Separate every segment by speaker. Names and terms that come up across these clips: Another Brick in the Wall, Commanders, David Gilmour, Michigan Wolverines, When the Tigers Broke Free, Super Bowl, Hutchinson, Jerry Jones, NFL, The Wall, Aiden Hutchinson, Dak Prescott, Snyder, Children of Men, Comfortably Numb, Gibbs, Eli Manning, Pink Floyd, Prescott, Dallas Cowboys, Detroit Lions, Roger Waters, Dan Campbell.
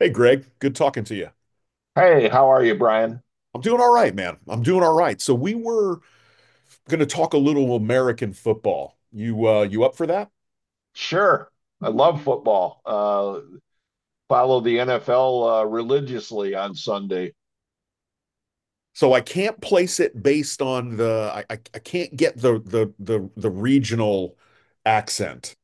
Speaker 1: Hey, Greg, good talking to you.
Speaker 2: Hey, how are you, Brian?
Speaker 1: I'm doing all right, man. I'm doing all right. So we were going to talk a little American football. You you up for that?
Speaker 2: Sure. I love football. Follow the NFL religiously on Sunday.
Speaker 1: So I can't place it based on the I can't get the the regional accent,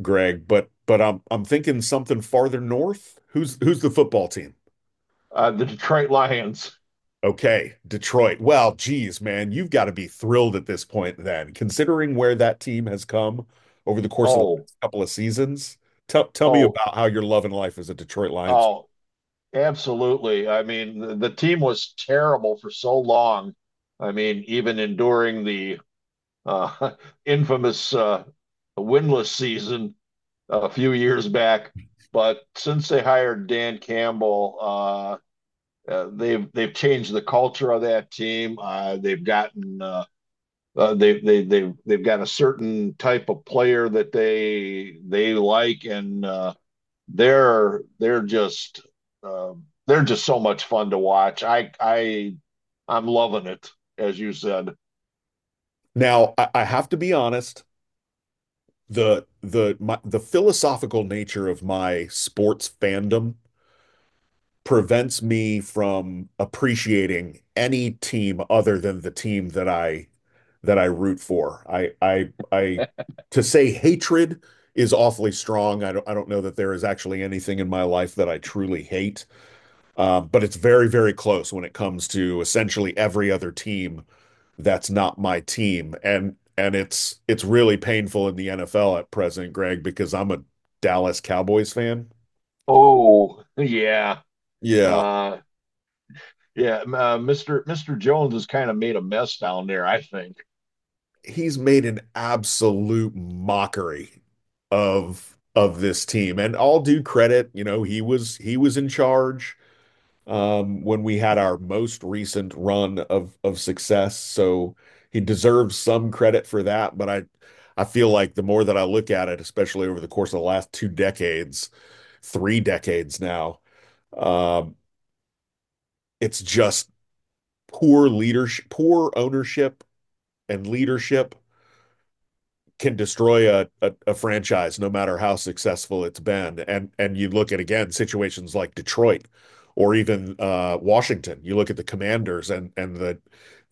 Speaker 1: Greg, but I'm thinking something farther north. Who's the football team?
Speaker 2: The Detroit Lions.
Speaker 1: Okay, Detroit. Well, geez, man, you've got to be thrilled at this point then, considering where that team has come over the course of the
Speaker 2: Oh,
Speaker 1: last couple of seasons. Tell me
Speaker 2: oh,
Speaker 1: about how you're loving life as a Detroit Lions fan.
Speaker 2: oh, absolutely. I mean, the team was terrible for so long. I mean, even enduring the uh, infamous winless season a few years back. But since they hired Dan Campbell, they've changed the culture of that team. They've gotten they've got a certain type of player that they like, and they're they're just uh, they're just so much fun to watch. I I'm loving it, as you said.
Speaker 1: Now, I have to be honest, the philosophical nature of my sports fandom prevents me from appreciating any team other than the team that I root for. I to say hatred is awfully strong. I don't know that there is actually anything in my life that I truly hate. But it's very, very close when it comes to essentially every other team that's not my team. And it's really painful in the NFL at present, Greg, because I'm a Dallas Cowboys fan.
Speaker 2: Oh yeah,
Speaker 1: Yeah,
Speaker 2: uh, yeah. Mister Jones has kind of made a mess down there, I think.
Speaker 1: he's made an absolute mockery of this team. And all due credit, you know, he was in charge when we had our most recent run of success. So he deserves some credit for that. But I feel like the more that I look at it, especially over the course of the last two decades, three decades now, um, it's just poor leadership, poor ownership and leadership can destroy a franchise no matter how successful it's been. And you look at again situations like Detroit or even Washington. You look at the Commanders and and the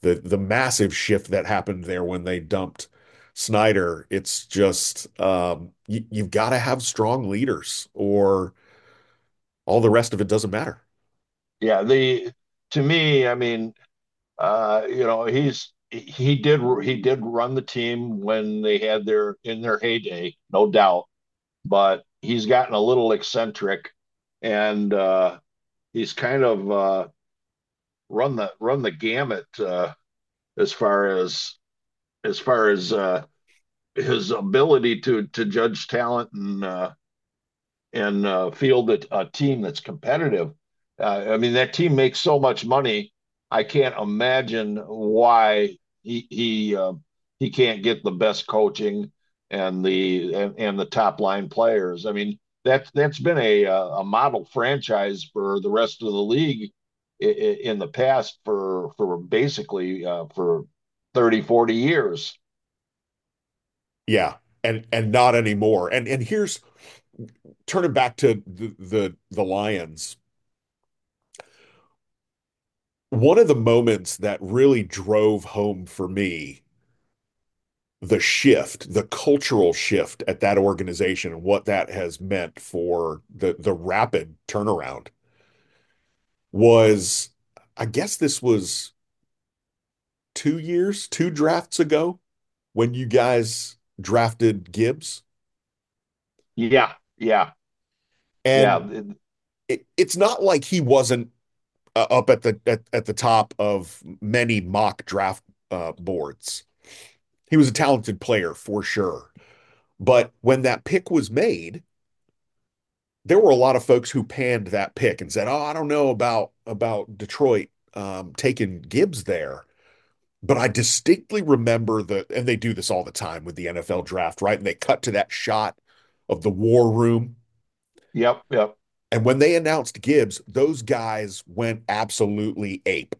Speaker 1: the the massive shift that happened there when they dumped Snyder. It's just you, you've got to have strong leaders, or all the rest of it doesn't matter.
Speaker 2: Yeah, the to me, I mean, you know, he did run the team when they had their in their heyday, no doubt. But he's gotten a little eccentric, and he's kind of run the gamut as far as as far as uh, his ability to judge talent and field a team that's competitive. I mean, that team makes so much money. I can't imagine why he he uh, he can't get the best coaching and the top line players. I mean, that that's been a model franchise for the rest of the league in the past for basically for 30, 40 years.
Speaker 1: Yeah, and not anymore. And here's turning back to the Lions. One of the moments that really drove home for me the shift, the cultural shift at that organization and what that has meant for the rapid turnaround was I guess this was 2 years, two drafts ago when you guys drafted Gibbs.
Speaker 2: Yeah, yeah, yeah.
Speaker 1: And it's not like he wasn't up at the at the top of many mock draft boards. He was a talented player for sure. But when that pick was made, there were a lot of folks who panned that pick and said, "Oh, I don't know about Detroit taking Gibbs there." But I distinctly remember the, and they do this all the time with the NFL draft, right? And they cut to that shot of the war room.
Speaker 2: Yep, yep.
Speaker 1: And when they announced Gibbs, those guys went absolutely ape.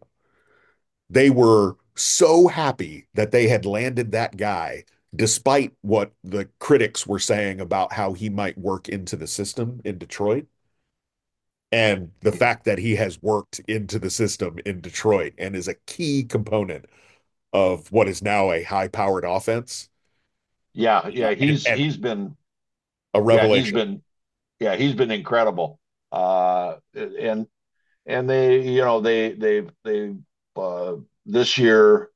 Speaker 1: They were so happy that they had landed that guy, despite what the critics were saying about how he might work into the system in Detroit and the fact that he has worked into the system in Detroit and is a key component of what is now a high powered offense
Speaker 2: Yeah,
Speaker 1: uh,
Speaker 2: yeah.
Speaker 1: and,
Speaker 2: He's
Speaker 1: and
Speaker 2: he's been
Speaker 1: a
Speaker 2: yeah, he's
Speaker 1: revelation.
Speaker 2: been yeah, he's been incredible. Uh, and and they you know they they've uh, this year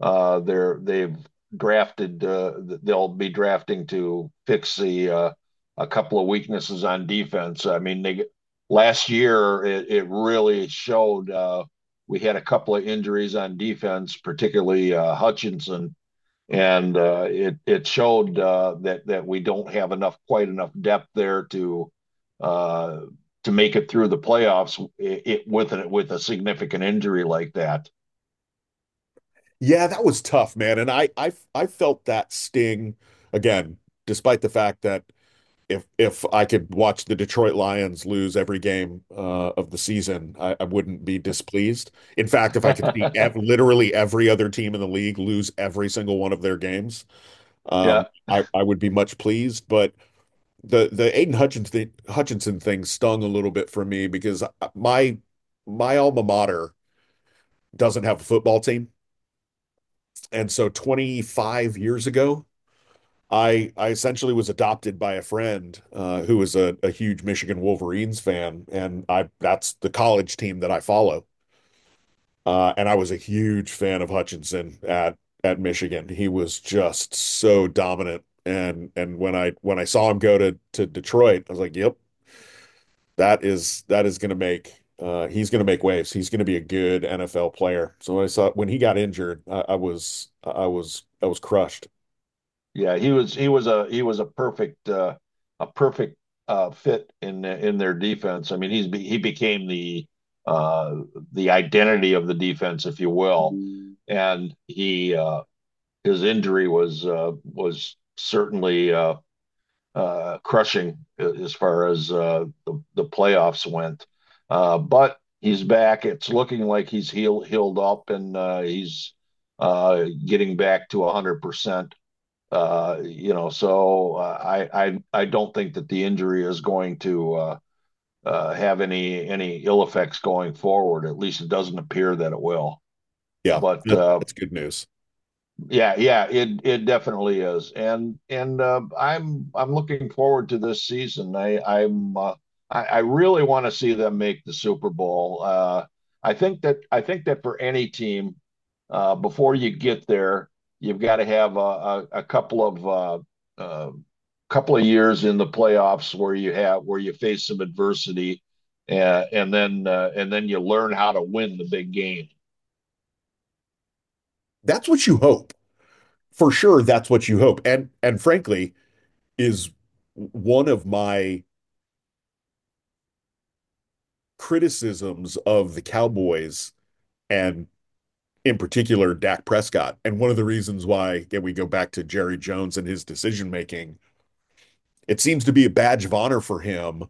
Speaker 2: they've drafted— they'll be drafting to fix the a couple of weaknesses on defense. I mean, they last year it really showed. We had a couple of injuries on defense, particularly Hutchinson, and it showed that that we don't have enough quite enough depth there uh, to make it through the playoffs it with with a significant injury like that.
Speaker 1: Yeah, that was tough, man. And I felt that sting again, despite the fact that if I could watch the Detroit Lions lose every game of the season, wouldn't be displeased. In fact, if I could see literally every other team in the league lose every single one of their games, um,
Speaker 2: yeah,
Speaker 1: I would be much pleased. But the Aiden Hutchinson thing stung a little bit for me because my my alma mater doesn't have a football team, and so 25 years ago, I essentially was adopted by a friend who was a huge Michigan Wolverines fan, and I that's the college team that I follow, and I was a huge fan of Hutchinson at Michigan. He was just so dominant. And when I saw him go to Detroit, I was like, "Yep, that is going to make he's going to make waves. He's going to be a good NFL player. So when he got injured, I was crushed.
Speaker 2: yeah, he was a perfect a perfect fit in their defense. I mean, he became uh, the identity of the defense, if you will, and he his injury was certainly crushing as far as the playoffs went. But he's back. It's looking like he's healed up and he's getting back to 100%. You know, so I don't think that the injury is going to have any ill effects going forward. At least it doesn't appear that it will.
Speaker 1: Yeah,
Speaker 2: But
Speaker 1: that's good news.
Speaker 2: yeah, yeah, it definitely is, and I'm looking forward to this season. I really want to see them make the Super Bowl. I think that for any team, before you get there, you've got to have a couple of uh, uh, couple of years in the playoffs where you have where you face some adversity, and then you learn how to win the big game.
Speaker 1: That's what you hope for sure. That's what you hope, and frankly, is one of my criticisms of the Cowboys and in particular Dak Prescott. And one of the reasons why, again, we go back to Jerry Jones and his decision making. It seems to be a badge of honor for him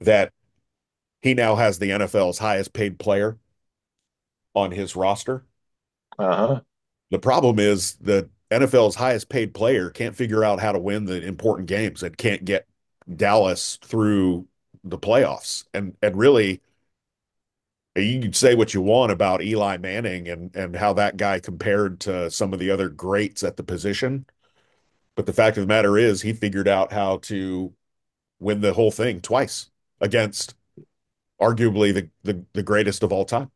Speaker 1: that he now has the NFL's highest paid player on his roster.
Speaker 2: Uh-huh.
Speaker 1: The problem is the NFL's highest paid player can't figure out how to win the important games and can't get Dallas through the playoffs. And really, you can say what you want about Eli Manning and how that guy compared to some of the other greats at the position, but the fact of the matter is he figured out how to win the whole thing twice against arguably the greatest of all time.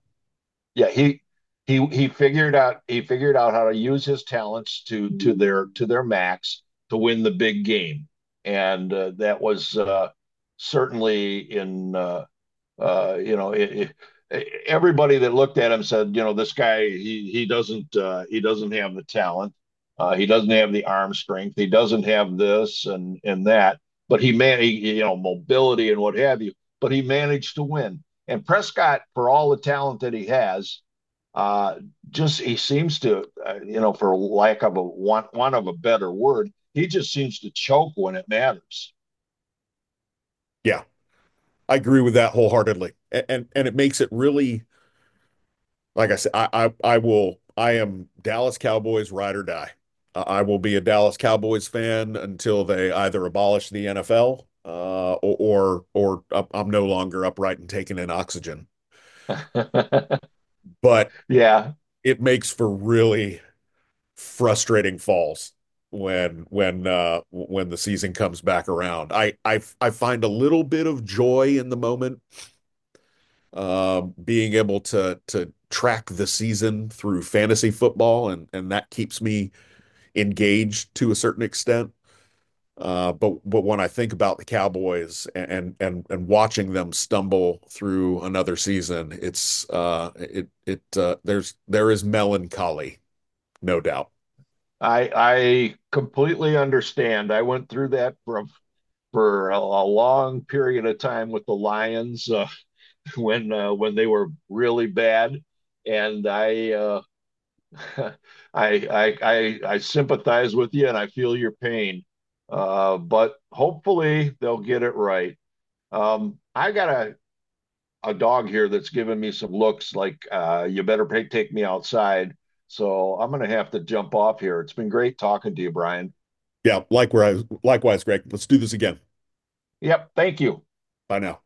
Speaker 2: yeah he he figured out how to use his talents to mm-hmm. To their max to win the big game, and that was certainly in you know it, it, everybody that looked at him said, you know, this guy he doesn't have the talent, he doesn't have the arm strength, he doesn't have this and that, but he, man, he, you know, mobility and what have you, but he managed to win. And Prescott, for all the talent that he has, uh, just he seems to, you know, for lack of a want of a better word, he just seems to choke when it matters.
Speaker 1: Yeah, I agree with that wholeheartedly. And it makes it really like I said, I am Dallas Cowboys ride or die. I will be a Dallas Cowboys fan until they either abolish the NFL or I'm no longer upright and taking in oxygen. But
Speaker 2: yeah,
Speaker 1: it makes for really frustrating falls when the season comes back around. I find a little bit of joy in the moment being able to track the season through fantasy football and that keeps me engaged to a certain extent. But when I think about the Cowboys and watching them stumble through another season, it's it it there's there is melancholy, no doubt.
Speaker 2: I completely understand. I went through that from for a long period of time with the Lions when they were really bad, and I I sympathize with you, and I feel your pain. But hopefully they'll get it right. I got a dog here that's giving me some looks like, you better pay, take me outside. So I'm going to have to jump off here. It's been great talking to you, Brian.
Speaker 1: Yeah, likewise, likewise, Greg. Let's do this again.
Speaker 2: Yep. Thank you.
Speaker 1: Bye now.